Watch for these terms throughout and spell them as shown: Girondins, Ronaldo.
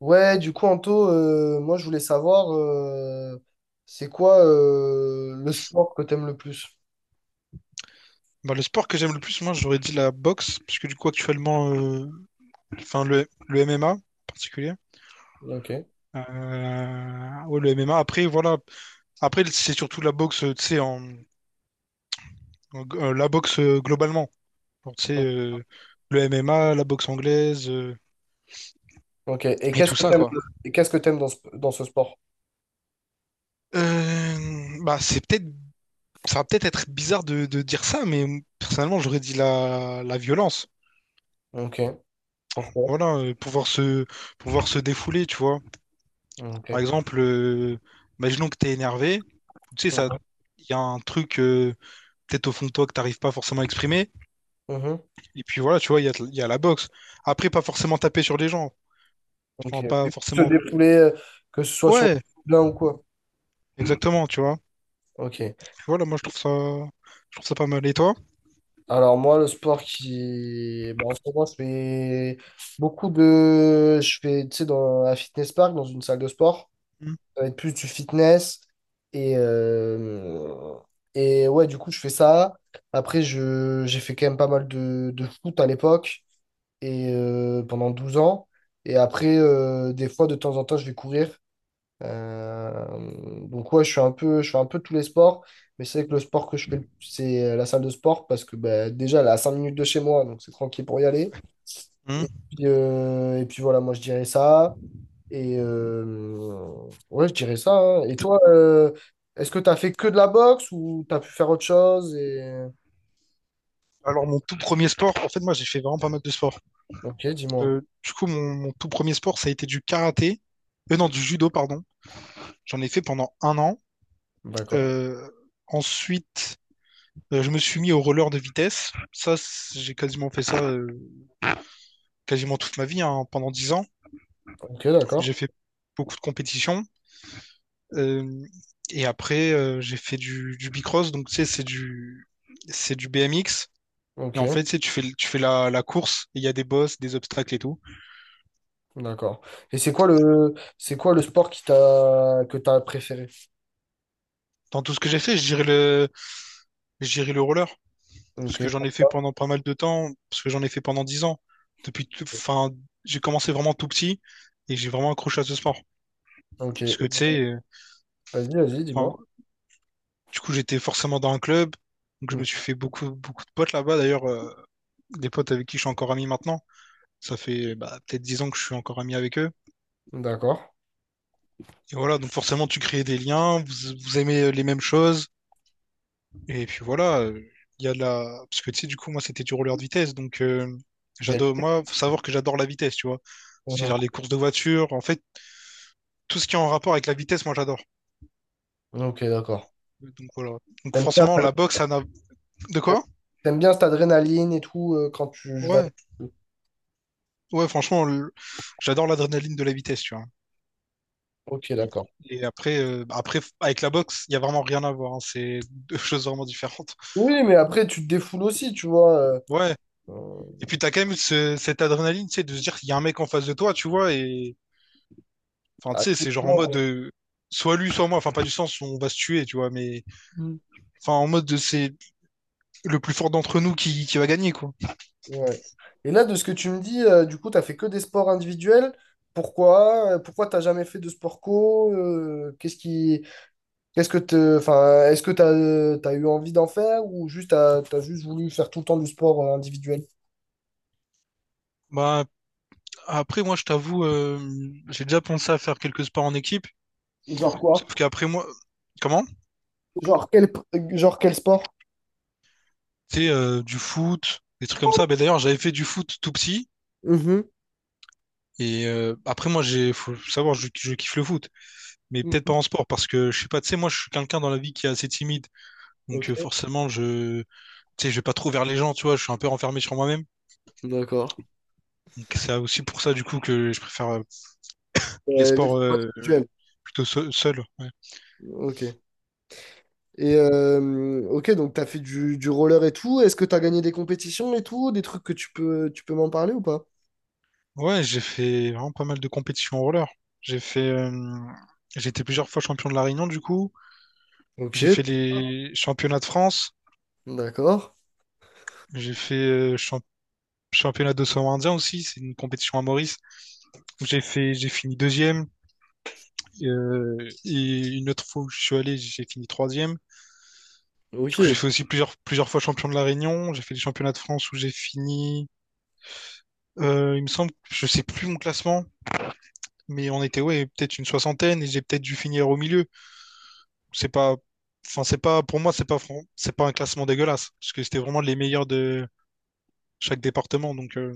Ouais, du coup, Anto, moi, je voulais savoir, c'est quoi le sport que t'aimes le plus? Bah, le sport que j'aime le plus, moi, j'aurais dit la boxe, puisque du coup, actuellement, enfin, le MMA en particulier. Ok. Ouais, le MMA. Après, voilà. Après, c'est surtout la boxe, tu sais, la boxe globalement. Genre, tu sais, le MMA, la boxe anglaise, Ok. Et et tout ça, quoi. Qu'est-ce que t'aimes dans ce sport? Bah, c'est ça va peut-être être bizarre de, dire ça, mais personnellement, j'aurais dit la violence. Ok. Pourquoi? Voilà, pouvoir se défouler, tu vois. Par Ok. exemple, imaginons que tu es énervé, tu sais, ça, il y a un truc peut-être au fond de toi que t'arrives pas forcément à exprimer. Mhm. Et puis voilà, tu vois, il y a la boxe. Après, pas forcément taper sur les gens. Ok. Enfin, Et pas se forcément. défouler, que ce soit sur Ouais, l'un ou quoi? exactement, tu vois. Ok. Voilà, moi je trouve ça pas mal. Et toi? Alors, moi, le sport qui... bah, en ce moment, je fais beaucoup de... Je fais, tu sais, dans un fitness park, dans une salle de sport. Mhm. Ça va être plus du fitness. Et, et ouais, du coup, je fais ça. Après, j'ai fait quand même pas mal de foot à l'époque, et pendant 12 ans. Et après, des fois, de temps en temps, je vais courir. Donc ouais, je suis un peu, je fais un peu tous les sports. Mais c'est vrai que le sport que je fais, le plus, c'est la salle de sport, parce que bah, déjà, elle est à 5 minutes de chez moi, donc c'est tranquille pour y aller. Mhm. Et puis voilà, moi, je dirais ça. Et ouais, je dirais ça, hein. Et Et t- toi, est-ce que tu as fait que de la boxe ou tu as pu faire autre chose et... Alors, mon tout premier sport, en fait, moi j'ai fait vraiment pas mal de sports. Ok, dis-moi. Du coup, mon tout premier sport, ça a été du karaté. Non, du judo, pardon. J'en ai fait pendant un an. D'accord. Euh, Ensuite. Je me suis mis au roller de vitesse. J'ai quasiment fait ça quasiment toute ma vie, hein, pendant 10 ans. Ok, d'accord. J'ai fait beaucoup de compétitions. Euh, et après, j'ai fait du bicross. Donc, tu sais, c'est du BMX. Et en Ok, fait, tu sais, tu fais la course. Et il y a des bosses, des obstacles et tout. d'accord. Et c'est quoi le sport qui t'a que t'as préféré? Dans tout ce que j'ai fait, je dirais le roller. Parce que j'en Ok. ai fait pendant pas mal de temps. Parce que j'en ai fait pendant 10 ans. Enfin, j'ai commencé vraiment tout petit. Et j'ai vraiment accroché à ce sport. Ok. Parce que, tu sais, Vas-y, vas-y, dis-moi. enfin, du coup, j'étais forcément dans un club. Donc, je Mm. me suis fait beaucoup, beaucoup de potes là-bas. D'ailleurs, des potes avec qui je suis encore ami maintenant. Ça fait bah, peut-être 10 ans que je suis encore ami avec eux. D'accord. Et voilà, donc forcément, tu crées des liens, vous, vous aimez les mêmes choses. Et puis voilà, il y a de la... Parce que tu sais, du coup, moi, c'était du roller de vitesse. Donc, Y a- j'adore... Moi, faut savoir que j'adore la vitesse, tu vois. Mhm. C'est-à-dire les courses de voiture. En fait, tout ce qui est en rapport avec la vitesse, moi, j'adore. Ok, d'accord. Donc, voilà. Donc, T'aimes bien, forcément, ça- la boxe, ça n'a... De quoi? T'aimes bien cette adrénaline et tout quand tu je vais. Ouais. Ouais, franchement, j'adore l'adrénaline de la vitesse, tu vois. Ok, d'accord. Et après, avec la boxe, il n'y a vraiment rien à voir, hein. C'est deux choses vraiment différentes. Oui, mais après, tu te défoules aussi, tu vois. Ouais. euh, Et puis, t'as quand même ce- cette adrénaline, tu sais, de se dire qu'il y a un mec en face de toi, tu vois. Et enfin, tu À sais, tout c'est le genre en mode monde. Soit lui, soit moi. Enfin, pas du sens, on va se tuer, tu vois. Mais Mm. enfin, en mode de, c'est le plus fort d'entre nous qui va gagner, quoi. Ouais. Et là, de ce que tu me dis, du coup, t'as fait que des sports individuels. Pourquoi? Pourquoi t'as jamais fait de sport co? Qu'est-ce qui, qu'est-ce que te, enfin, est-ce que t'as, t'as eu envie d'en faire ou juste t'as juste voulu faire tout le temps du sport individuel? Bah, après, moi, je t'avoue, j'ai déjà pensé à faire quelques sports en équipe. Genre quoi? Sauf qu'après, moi, comment? Genre quel sport? Tu sais, du foot, des trucs comme ça. Ben, d'ailleurs, j'avais fait du foot tout petit. Mhm, Et après, faut savoir, je kiffe le foot, mais peut-être mhm. pas en sport, parce que je sais pas, tu sais, moi, je suis quelqu'un dans la vie qui est assez timide, Ok. donc forcément, tu sais, je vais pas trop vers les gens, tu vois, je suis un peu renfermé sur moi-même. D'accord. Donc c'est aussi pour ça, du coup, que je préfère les Euh, sports L'individuel. Seul. Ouais, Ok. Et ok, donc t'as fait du roller et tout. Est-ce que t'as gagné des compétitions et tout? Des trucs que tu peux m'en parler ou pas? ouais, j'ai fait vraiment pas mal de compétitions en roller. J'ai fait, euh, j'ai été plusieurs fois champion de la Réunion, du coup. Ok, J'ai fait les championnats de France. d'accord. J'ai fait championnat d'océan Indien aussi. C'est une compétition à Maurice. J'ai fini deuxième. euh, et une autre fois où je suis allé, j'ai fini troisième. Du Ok, coup, j'ai fait aussi plusieurs fois champion de La Réunion. J'ai fait les championnats de France où j'ai fini, il me semble, je sais plus mon classement, mais on était, ouais, peut-être une soixantaine et j'ai peut-être dû finir au milieu. C'est pas, enfin, c'est pas, pour moi, c'est pas un classement dégueulasse parce que c'était vraiment les meilleurs de chaque département. Donc,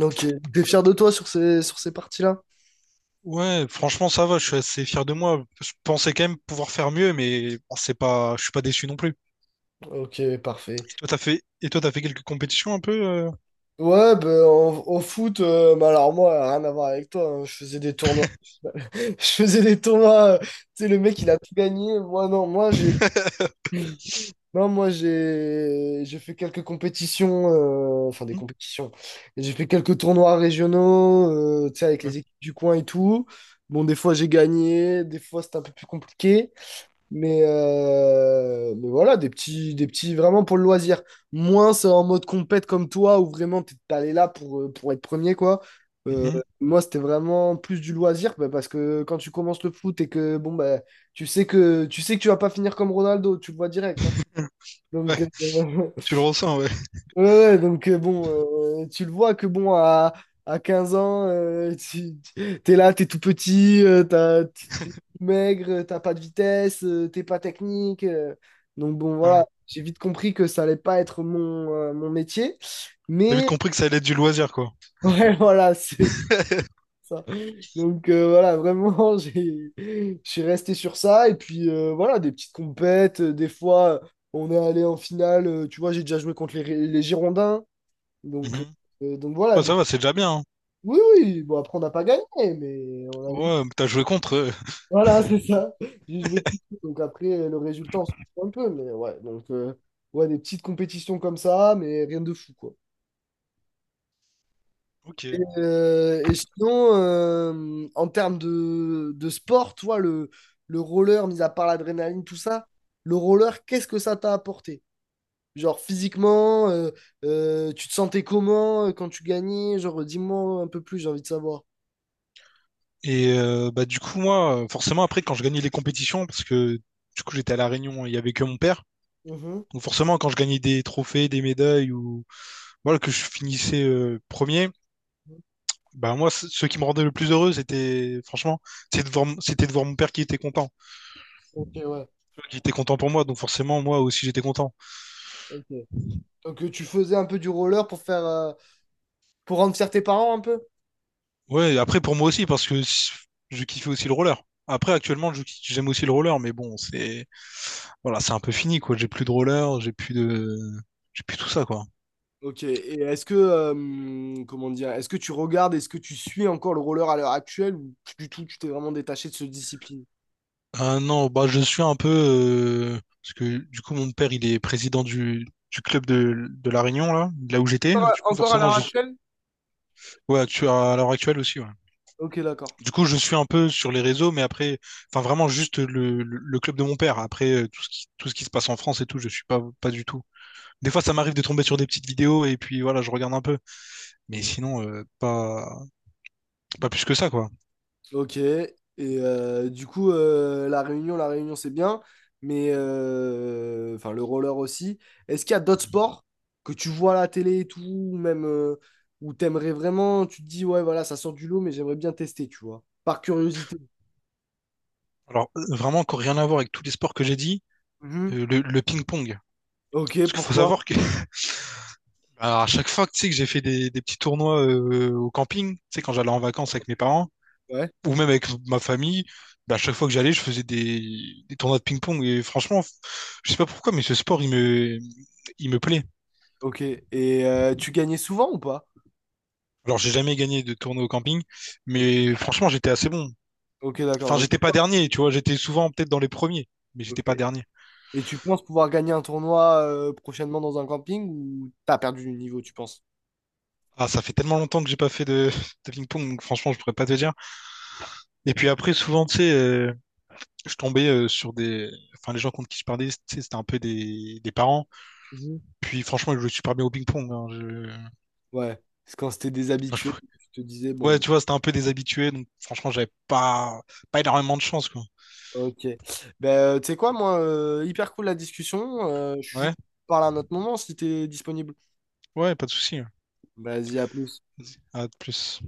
ok. T'es fier de toi sur ces parties-là? ouais, franchement, ça va. Je suis assez fier de moi. Je pensais quand même pouvoir faire mieux, mais bon, c'est pas, je suis pas déçu non plus. Ok, parfait. Et toi, t'as fait quelques compétitions un peu Ouais, ben en foot, bah alors moi, rien à voir avec toi, hein, je faisais des tournois. Je faisais des tournois, tu sais, le mec, il a tout gagné. Moi, non, moi, j'ai non, moi j'ai fait quelques compétitions, enfin des Mhm. compétitions. J'ai fait quelques tournois régionaux, tu sais, avec Ouais. les équipes du coin et tout. Bon, des fois, j'ai gagné, des fois, c'était un peu plus compliqué. Mais, voilà, des petits vraiment pour le loisir. Moins c'est en mode compète comme toi, où vraiment t'es allé là pour être premier, quoi. Euh, Mhm. Moi, c'était vraiment plus du loisir, bah, parce que quand tu commences le foot et que bon bah tu sais que tu vas pas finir comme Ronaldo, tu le vois direct, hein. Ouais, Donc, ouais, tu le ressens, ouais. ouais, donc bon, tu le vois que bon à, 15 ans, t'es là, t'es tout petit, t'as, maigre, t'as pas de vitesse, t'es pas technique. Donc bon, Ouais. voilà, j'ai vite compris que ça allait pas être mon métier. T'as vite Mais compris que ça allait être du loisir, quoi. ouais, voilà, c'est ça. Donc voilà, vraiment, je suis resté sur ça. Et puis voilà, des petites compètes. Des fois, on est allé en finale. Tu vois, j'ai déjà joué contre les Girondins. Donc, Mhm. donc voilà, Ouais, des... ça va, c'est déjà bien, hein. Oui, oui. Bon, après, on n'a pas gagné, mais on a Ouais, mais t'as joué contre eux. voilà, c'est ça. J'ai joué tout le coup. Donc après, le résultat, on s'en fout un peu. Mais ouais, donc, ouais, des petites compétitions comme ça, mais rien de fou, quoi. Ok. Et sinon, en termes de sport, toi, le roller, mis à part l'adrénaline, tout ça, le roller, qu'est-ce que ça t'a apporté? Genre physiquement, tu te sentais comment quand tu gagnais? Genre, dis-moi un peu plus, j'ai envie de savoir. Et bah du coup moi, forcément après quand je gagnais les compétitions, parce que du coup j'étais à La Réunion, il y avait que mon père. Mhm. Donc forcément, quand je gagnais des trophées, des médailles ou voilà, que je finissais premier, bah moi, ce qui me rendait le plus heureux, c'était franchement, c'était de voir mon père Ok, ouais. qui était content pour moi. Donc forcément, moi aussi, j'étais content. Ok. Donc, tu faisais un peu du roller pour faire, pour rendre fier tes parents un peu? Ouais, après pour moi aussi, parce que je kiffais aussi le roller. Après, actuellement, j'aime aussi le roller, mais bon, c'est voilà, c'est un peu fini quoi. J'ai plus de roller, j'ai plus tout ça quoi. Ok, et est-ce que, comment dire, est-ce que tu regardes, est-ce que tu suis encore le roller à l'heure actuelle ou plus du tout, tu t'es vraiment détaché de cette discipline? Ah non, bah je suis un peu parce que du coup mon père il est président du club de La Réunion là, de là où j'étais. Ouais, Du coup encore à forcément l'heure je actuelle? ouais tu à l'heure actuelle aussi ouais. Ok, d'accord. Du coup je suis un peu sur les réseaux mais après enfin vraiment juste le club de mon père. Après tout ce qui se passe en France et tout, je suis pas du tout. Des fois ça m'arrive de tomber sur des petites vidéos et puis voilà, je regarde un peu. Mais Mhm. sinon pas plus que ça quoi. Ok, et du coup, La Réunion, La Réunion, c'est bien, mais enfin le roller aussi. Est-ce qu'il y a d'autres sports que tu vois à la télé et tout, ou même où t'aimerais vraiment, tu te dis, ouais, voilà, ça sort du lot, mais j'aimerais bien tester, tu vois, par curiosité. Alors vraiment encore rien à voir avec tous les sports que j'ai dit, Mhm. Le ping-pong. Ok, Parce qu'il faut pourquoi? savoir que Alors, à chaque fois que tu sais que j'ai fait des petits tournois au camping, tu sais, quand j'allais en vacances avec mes parents, Ouais. ou même avec ma famille, bah, à chaque fois que j'allais, je faisais des tournois de ping-pong. Et franchement, je sais pas pourquoi, mais ce sport, il me plaît. Ok. Et tu gagnais souvent ou pas? Alors, j'ai jamais gagné de tournoi au camping, Ok, mais franchement, j'étais assez bon. ok, d'accord. Enfin, Donc, j'étais pas dernier, tu vois, j'étais souvent peut-être dans les premiers, mais j'étais pas ok. dernier. Et tu penses pouvoir gagner un tournoi prochainement dans un camping ou t'as perdu du niveau, tu penses? Ah, ça fait tellement longtemps que j'ai pas fait de, de ping-pong, donc franchement, je pourrais pas te dire. Et puis après, souvent, tu sais, je tombais sur des. Enfin, les gens contre qui je parlais, tu sais, c'était un peu des parents. Mhm. Puis franchement, ils jouaient super bien au ping-pong, hein. Ouais. Parce que quand c'était moi, je- déshabitué, tu te disais, bon, Ouais, bon. tu vois, c'était un peu des habitués. Donc franchement, j'avais pas... pas énormément de chance, quoi. Ok. Ben, tu sais quoi, moi, hyper cool la discussion. Je suis chaud Ouais, qu'on parle à un autre moment si t'es disponible. ouais, pas de souci. Vas-y, à plus. À de plus.